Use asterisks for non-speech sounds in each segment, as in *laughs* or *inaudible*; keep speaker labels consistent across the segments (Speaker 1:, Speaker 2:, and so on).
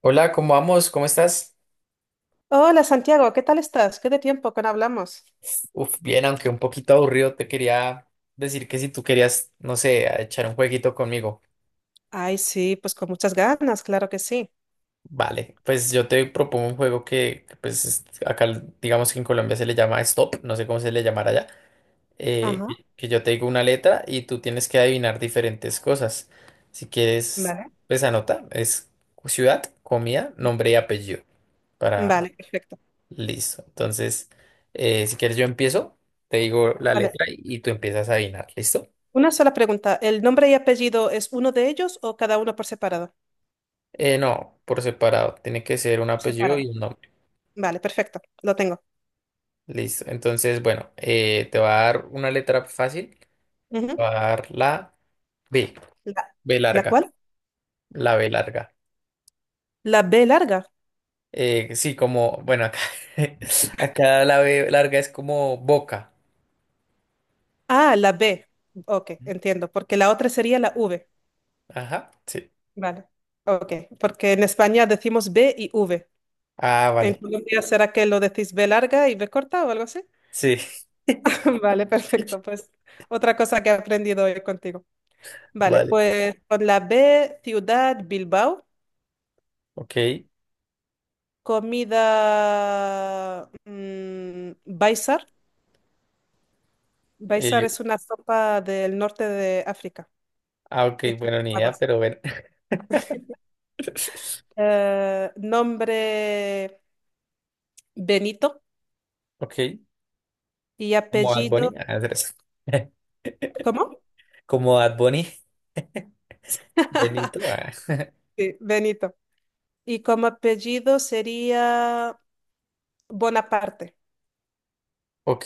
Speaker 1: Hola, ¿cómo vamos? ¿Cómo estás?
Speaker 2: Hola Santiago, ¿qué tal estás? ¿Qué de tiempo que no hablamos?
Speaker 1: Bien, aunque un poquito aburrido, te quería decir que si tú querías, no sé, a echar un jueguito conmigo.
Speaker 2: Ay, sí, pues con muchas ganas, claro que sí.
Speaker 1: Vale, pues yo te propongo un juego que acá digamos que en Colombia se le llama Stop, no sé cómo se le llamará allá, eh,
Speaker 2: Ajá.
Speaker 1: que que yo te digo una letra y tú tienes que adivinar diferentes cosas. Si quieres,
Speaker 2: Vale.
Speaker 1: pues anota, es ciudad, comida, nombre y apellido para,
Speaker 2: Vale, perfecto.
Speaker 1: listo. Entonces, si quieres yo empiezo, te digo la
Speaker 2: Vale.
Speaker 1: letra y tú empiezas a adivinar. ¿Listo?
Speaker 2: Una sola pregunta. ¿El nombre y apellido es uno de ellos o cada uno por separado?
Speaker 1: No, por separado. Tiene que ser un apellido y
Speaker 2: Separado.
Speaker 1: un nombre.
Speaker 2: Vale, perfecto. Lo tengo.
Speaker 1: Listo. Entonces, bueno, te va a dar una letra fácil. Te
Speaker 2: Ujú.
Speaker 1: va a dar la B.
Speaker 2: ¿La,
Speaker 1: B
Speaker 2: la
Speaker 1: larga.
Speaker 2: cuál?
Speaker 1: La B larga.
Speaker 2: La B larga.
Speaker 1: Sí, como, bueno, acá, *laughs* acá la B larga es como boca.
Speaker 2: Ah, la B. Ok, entiendo, porque la otra sería la V.
Speaker 1: Ajá, sí.
Speaker 2: Vale. Ok, porque en España decimos B y V.
Speaker 1: Ah,
Speaker 2: ¿En
Speaker 1: vale.
Speaker 2: Colombia será que lo decís B larga y B corta o algo así?
Speaker 1: Sí,
Speaker 2: *laughs* Vale, perfecto. Pues otra cosa que he aprendido hoy contigo.
Speaker 1: *laughs*
Speaker 2: Vale,
Speaker 1: vale.
Speaker 2: pues con la B, ciudad, Bilbao,
Speaker 1: Ok.
Speaker 2: comida, baisar. Baisar es una sopa del norte de África,
Speaker 1: Ah, ok,
Speaker 2: hecha
Speaker 1: bueno,
Speaker 2: con
Speaker 1: ni idea,
Speaker 2: habas.
Speaker 1: pero bueno. *laughs*
Speaker 2: Nombre Benito
Speaker 1: Ok.
Speaker 2: y
Speaker 1: Como Bad
Speaker 2: apellido,
Speaker 1: Bunny. Ah, tres. *laughs*
Speaker 2: ¿cómo?
Speaker 1: Como Bad Bunny.
Speaker 2: *laughs*
Speaker 1: Benito. Ah.
Speaker 2: Sí, Benito. Y como apellido sería Bonaparte.
Speaker 1: Ok,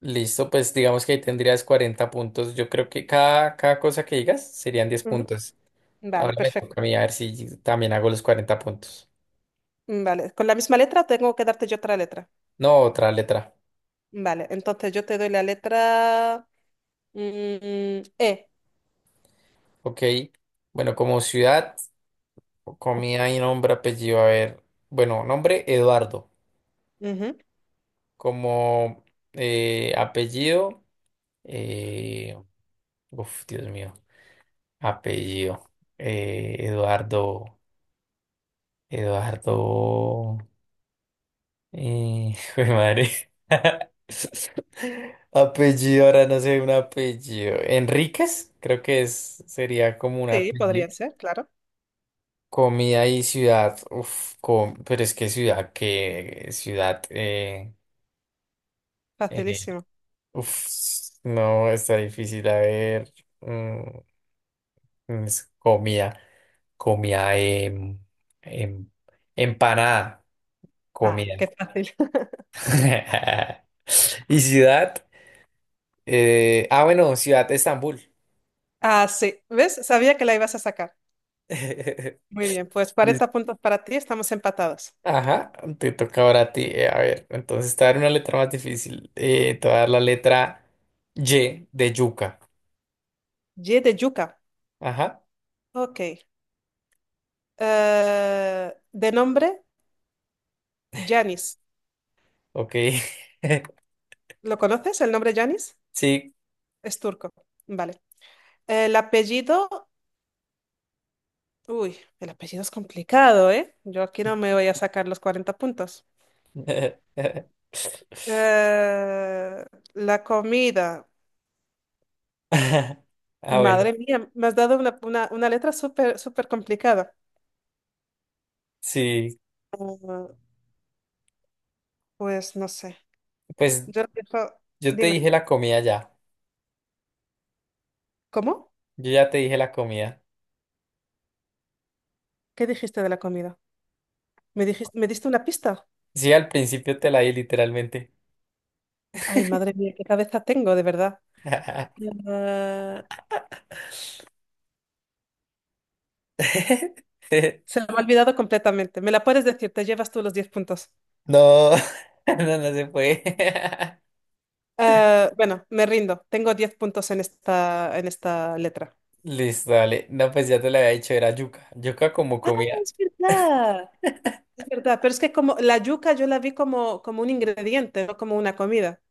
Speaker 1: listo. Pues digamos que ahí tendrías 40 puntos. Yo creo que cada cosa que digas serían 10
Speaker 2: Ujú.
Speaker 1: puntos. Ahora
Speaker 2: Vale,
Speaker 1: me
Speaker 2: perfecto.
Speaker 1: toca a mí a ver si también hago los 40 puntos.
Speaker 2: Vale, con la misma letra tengo que darte yo otra letra.
Speaker 1: No, otra letra.
Speaker 2: Vale, entonces yo te doy la letra E.
Speaker 1: Ok. Bueno, como ciudad, comida y nombre, apellido. A ver. Bueno, nombre Eduardo.
Speaker 2: Ujú.
Speaker 1: Como apellido. eh, Uf, Dios mío. Apellido. Eduardo. Eduardo. *laughs* Jue madre. *laughs* Apellido, ahora no sé un apellido. Enríquez, creo que es, sería como un
Speaker 2: Sí,
Speaker 1: apellido.
Speaker 2: podría ser, claro.
Speaker 1: Comida y ciudad. Pero es que ciudad, que ciudad. Eh,
Speaker 2: Facilísimo.
Speaker 1: uf, no, está difícil. A ver. mm, es comida. Comida. Em, empanada.
Speaker 2: Ah,
Speaker 1: Comida.
Speaker 2: qué fácil. *laughs*
Speaker 1: *laughs* ¿Y ciudad? Ah, bueno, ciudad de Estambul.
Speaker 2: Ah, sí. ¿Ves? Sabía que la ibas a sacar.
Speaker 1: *laughs*
Speaker 2: Muy bien, pues
Speaker 1: Listo.
Speaker 2: 40 puntos para ti, estamos empatados.
Speaker 1: Ajá, te toca ahora a ti. A ver, entonces te voy a dar una letra más difícil. Te voy a dar la letra Y de yuca.
Speaker 2: Y de yuca.
Speaker 1: Ajá,
Speaker 2: Ok. De nombre, Yanis.
Speaker 1: ok. *laughs*
Speaker 2: ¿Lo conoces? ¿El nombre Yanis?
Speaker 1: Sí.
Speaker 2: Es turco. Vale. El apellido. Uy, el apellido es complicado, ¿eh? Yo aquí no me voy a sacar los 40 puntos.
Speaker 1: *laughs*
Speaker 2: Eh, la comida.
Speaker 1: Ah, bueno,
Speaker 2: Madre mía, me has dado una letra súper, súper complicada.
Speaker 1: sí.
Speaker 2: Ah, pues no sé.
Speaker 1: Pues
Speaker 2: Yo digo,
Speaker 1: yo te
Speaker 2: dime,
Speaker 1: dije la comida ya.
Speaker 2: ¿cómo?
Speaker 1: Yo ya te dije la comida.
Speaker 2: ¿Qué dijiste de la comida? ¿Me dijiste, me diste una pista?
Speaker 1: Sí, al principio te la di literalmente.
Speaker 2: Ay, madre mía, qué cabeza tengo, de verdad.
Speaker 1: *laughs*
Speaker 2: Ah, se me ha olvidado completamente. Me la puedes decir, te llevas tú los 10 puntos.
Speaker 1: No, *laughs* no, no se puede. *laughs*
Speaker 2: Ah, bueno, me rindo. Tengo 10 puntos en esta letra.
Speaker 1: Listo, dale. No, pues ya te lo había dicho, era yuca. Yuca como
Speaker 2: Ah,
Speaker 1: comida.
Speaker 2: es verdad. Es verdad, pero es que como la yuca yo la vi como, como un ingrediente, no como una comida.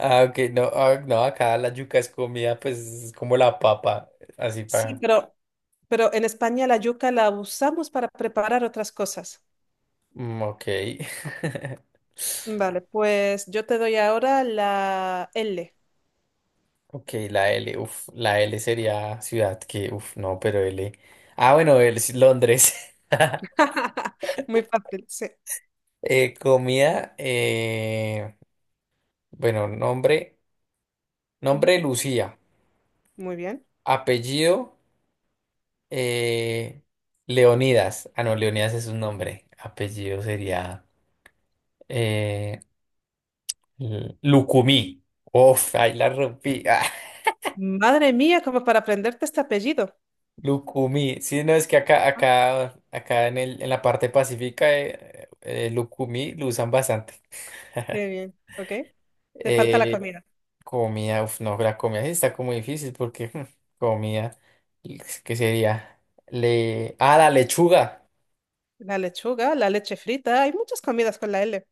Speaker 1: Ah, ok, no, ah, no, acá la yuca es comida, pues es como la papa, así
Speaker 2: Sí,
Speaker 1: para.
Speaker 2: pero en España la yuca la usamos para preparar otras cosas.
Speaker 1: Mm, ok. *laughs*
Speaker 2: Vale, pues yo te doy ahora la L.
Speaker 1: Ok, la L, uf, la L sería ciudad que, uf, no, pero L. Ah, bueno, el- sí, Londres. *laughs*
Speaker 2: *laughs* Muy fácil, sí.
Speaker 1: Eh, comida, eh, bueno,
Speaker 2: Ujú,
Speaker 1: nombre Lucía,
Speaker 2: muy bien.
Speaker 1: apellido, eh, Leonidas. Ah, no, Leonidas es un nombre, apellido sería. Eh, Lucumí. Uf, ahí la rompí. *laughs* Ah,
Speaker 2: Madre mía, como para aprenderte este apellido.
Speaker 1: Lucumí. Sí, no, es que
Speaker 2: Ah,
Speaker 1: acá en el, en la parte pacífica, Lucumí lo usan bastante.
Speaker 2: qué bien, ok. Te falta la
Speaker 1: Eh,
Speaker 2: comida.
Speaker 1: comida, uf, no, la comida sí está como difícil porque *laughs* comida, ¿qué sería? Ah, la lechuga.
Speaker 2: La lechuga, la leche frita, hay muchas comidas con la L.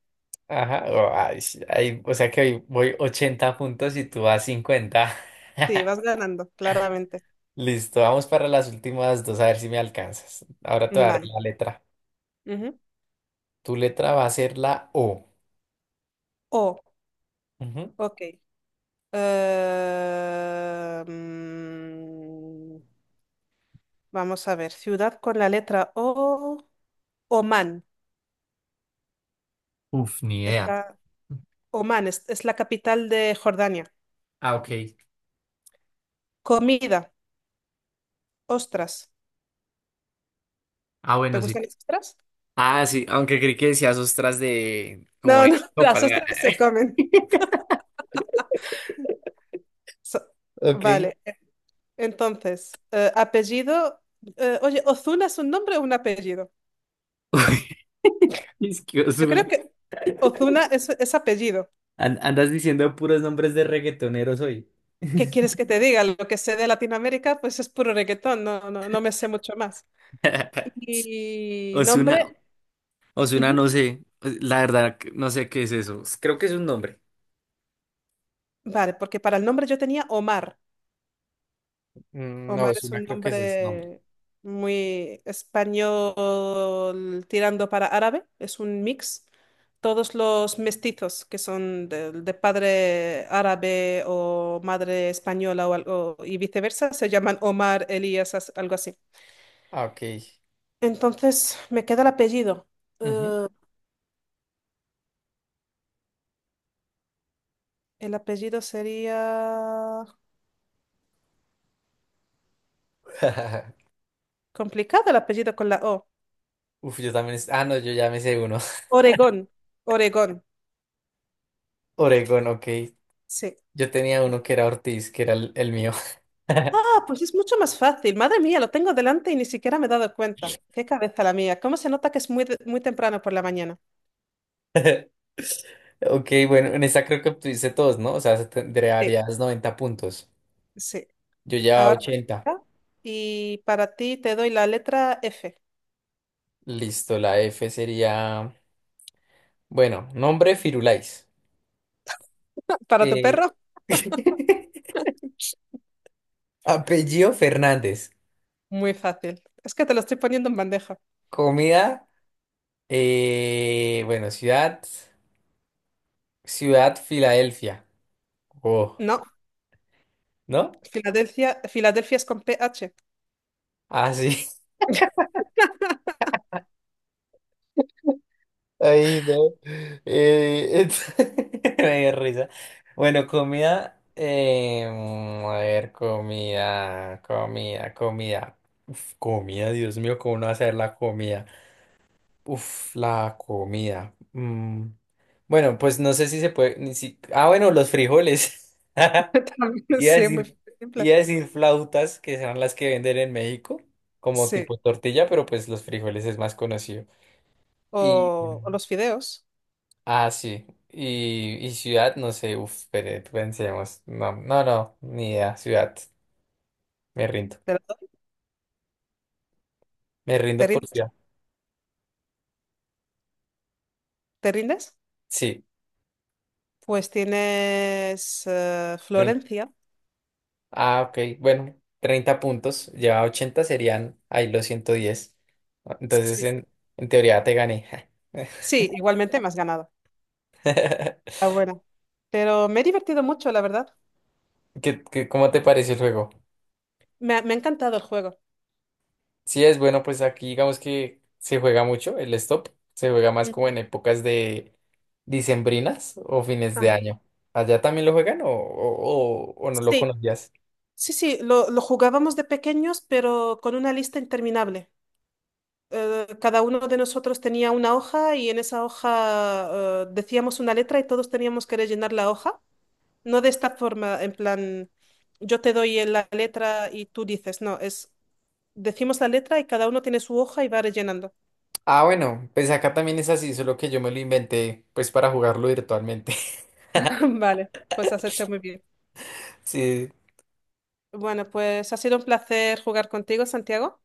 Speaker 1: Ajá, oh, ay, sí, ay, o sea que hoy voy 80 puntos y tú vas 50.
Speaker 2: Sí, vas
Speaker 1: *laughs*
Speaker 2: ganando, claramente.
Speaker 1: Listo, vamos para las últimas dos, a ver si me alcanzas. Ahora te voy a dar
Speaker 2: Vale.
Speaker 1: la letra.
Speaker 2: Ujú.
Speaker 1: Tu letra va a ser la O.
Speaker 2: O,
Speaker 1: Ujú.
Speaker 2: ok. Eh, mm, vamos a ver, ciudad con la letra O, Oman.
Speaker 1: Uf, ni idea.
Speaker 2: Está, Oman es la capital de Jordania.
Speaker 1: Ah, ok.
Speaker 2: Comida, ostras.
Speaker 1: Ah,
Speaker 2: ¿Te
Speaker 1: bueno, sí.
Speaker 2: gustan las ostras?
Speaker 1: Ah, sí, aunque creí que decías ostras de como
Speaker 2: No,
Speaker 1: de
Speaker 2: no, *laughs*
Speaker 1: sopa.
Speaker 2: las ostras se
Speaker 1: *laughs*
Speaker 2: comen. So-
Speaker 1: Ok.
Speaker 2: vale, entonces, apellido. Oye, ¿Ozuna es un nombre o un apellido?
Speaker 1: Es que
Speaker 2: Yo creo
Speaker 1: Ozuna.
Speaker 2: que Ozuna es apellido.
Speaker 1: Andas diciendo puros nombres de reggaetoneros hoy.
Speaker 2: ¿Qué quieres que te diga? Lo que sé de Latinoamérica, pues es puro reggaetón, no, no, no me sé mucho más.
Speaker 1: *laughs*
Speaker 2: Y
Speaker 1: Ozuna,
Speaker 2: nombre,
Speaker 1: Ozuna,
Speaker 2: ujú,
Speaker 1: no sé. La verdad, no sé qué es eso. Creo que es un nombre.
Speaker 2: vale, porque para el nombre yo tenía Omar.
Speaker 1: Mm, no,
Speaker 2: Omar
Speaker 1: es
Speaker 2: es
Speaker 1: una,
Speaker 2: un
Speaker 1: creo que ese es el nombre.
Speaker 2: nombre muy español tirando para árabe, es un mix. Todos los mestizos que son de padre árabe o madre española o, algo- y viceversa se llaman Omar, Elías, as- algo así.
Speaker 1: Ah, ok.
Speaker 2: Entonces, me queda el apellido.
Speaker 1: Ujú.
Speaker 2: Eh, el apellido sería...
Speaker 1: *laughs*
Speaker 2: Complicado el apellido con la O.
Speaker 1: Uf, yo también. Ah, no, yo ya me sé uno. *laughs*
Speaker 2: Oregón. Oregón.
Speaker 1: Oregón, ok.
Speaker 2: Sí.
Speaker 1: Yo tenía uno que era Ortiz, que era el mío.
Speaker 2: Ah, pues es mucho más fácil. Madre mía, lo tengo delante y ni siquiera me he dado cuenta. Qué cabeza la mía. ¿Cómo se nota que es muy, de- muy temprano por la mañana?
Speaker 1: *laughs* Ok, bueno, en esta creo que obtuviste todos, ¿no? O sea,
Speaker 2: Sí,
Speaker 1: 90 puntos.
Speaker 2: sí.
Speaker 1: Yo ya
Speaker 2: Ahora,
Speaker 1: 80.
Speaker 2: y para ti te doy la letra F.
Speaker 1: Listo, la F sería, bueno, nombre Firulais.
Speaker 2: ¿Para tu
Speaker 1: Eh,
Speaker 2: perro?
Speaker 1: *laughs* Apellido Fernández.
Speaker 2: Muy fácil. Es que te lo estoy poniendo en bandeja.
Speaker 1: Comida, bueno, ciudad Filadelfia. Oh,
Speaker 2: No,
Speaker 1: ¿no?
Speaker 2: Filadelfia, Filadelfia es con PH.
Speaker 1: Ah, sí.
Speaker 2: *laughs*
Speaker 1: Ahí no. Eh, es- *laughs* Me dio risa. Bueno, comida. A ver, comida. Uf, comida, Dios mío, ¿cómo no hacer la comida? Uf, la comida. Bueno, pues no sé si se puede. Ni si- Ah, bueno, los frijoles. *laughs*
Speaker 2: *laughs* También,
Speaker 1: Iba a
Speaker 2: sí, es
Speaker 1: decir,
Speaker 2: muy simple.
Speaker 1: iba a decir flautas, que serán las que venden en México, como
Speaker 2: Sí.
Speaker 1: tipo tortilla, pero pues los frijoles es más conocido. Y.
Speaker 2: O los fideos.
Speaker 1: Ah, sí. Y ciudad, no sé, uf, pero pensemos. No, no, no, ni idea. Ciudad, me rindo.
Speaker 2: ¿Te, la doy?
Speaker 1: Me
Speaker 2: ¿Te
Speaker 1: rindo por
Speaker 2: rindes?
Speaker 1: ciudad.
Speaker 2: ¿Te rindes?
Speaker 1: Sí.
Speaker 2: Pues tienes
Speaker 1: trein-
Speaker 2: Florencia.
Speaker 1: Ah, ok. Bueno, 30 puntos. Lleva 80, serían ahí los 110, entonces,
Speaker 2: Sí.
Speaker 1: en teoría te gané. *laughs*
Speaker 2: Sí, igualmente me has ganado. Está buena. Pero me he divertido mucho, la verdad.
Speaker 1: ¿Cómo te pareció el juego?
Speaker 2: Me ha encantado el juego.
Speaker 1: Sí, es bueno, pues aquí digamos que se juega mucho el stop, se juega más
Speaker 2: Ujú.
Speaker 1: como en épocas de dicembrinas o fines de
Speaker 2: Ah,
Speaker 1: año. ¿Allá también lo juegan o no lo
Speaker 2: sí,
Speaker 1: conocías?
Speaker 2: sí, sí, lo jugábamos de pequeños, pero con una lista interminable. Cada uno de nosotros tenía una hoja y en esa hoja decíamos una letra y todos teníamos que rellenar la hoja. No de esta forma, en plan, yo te doy la letra y tú dices, no, es, decimos la letra y cada uno tiene su hoja y va rellenando.
Speaker 1: Ah, bueno, pues acá también es así, solo que yo me lo inventé pues para jugarlo virtualmente. *laughs*
Speaker 2: *laughs* Vale. Pues has hecho muy bien.
Speaker 1: Sí,
Speaker 2: Bueno, pues ha sido un placer jugar contigo, Santiago.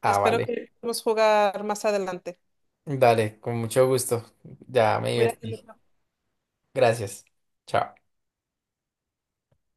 Speaker 1: ah,
Speaker 2: Espero
Speaker 1: vale.
Speaker 2: que podamos jugar más adelante.
Speaker 1: Dale, con mucho gusto. Ya me
Speaker 2: Cuídate
Speaker 1: divertí.
Speaker 2: mucho.
Speaker 1: Gracias. Chao.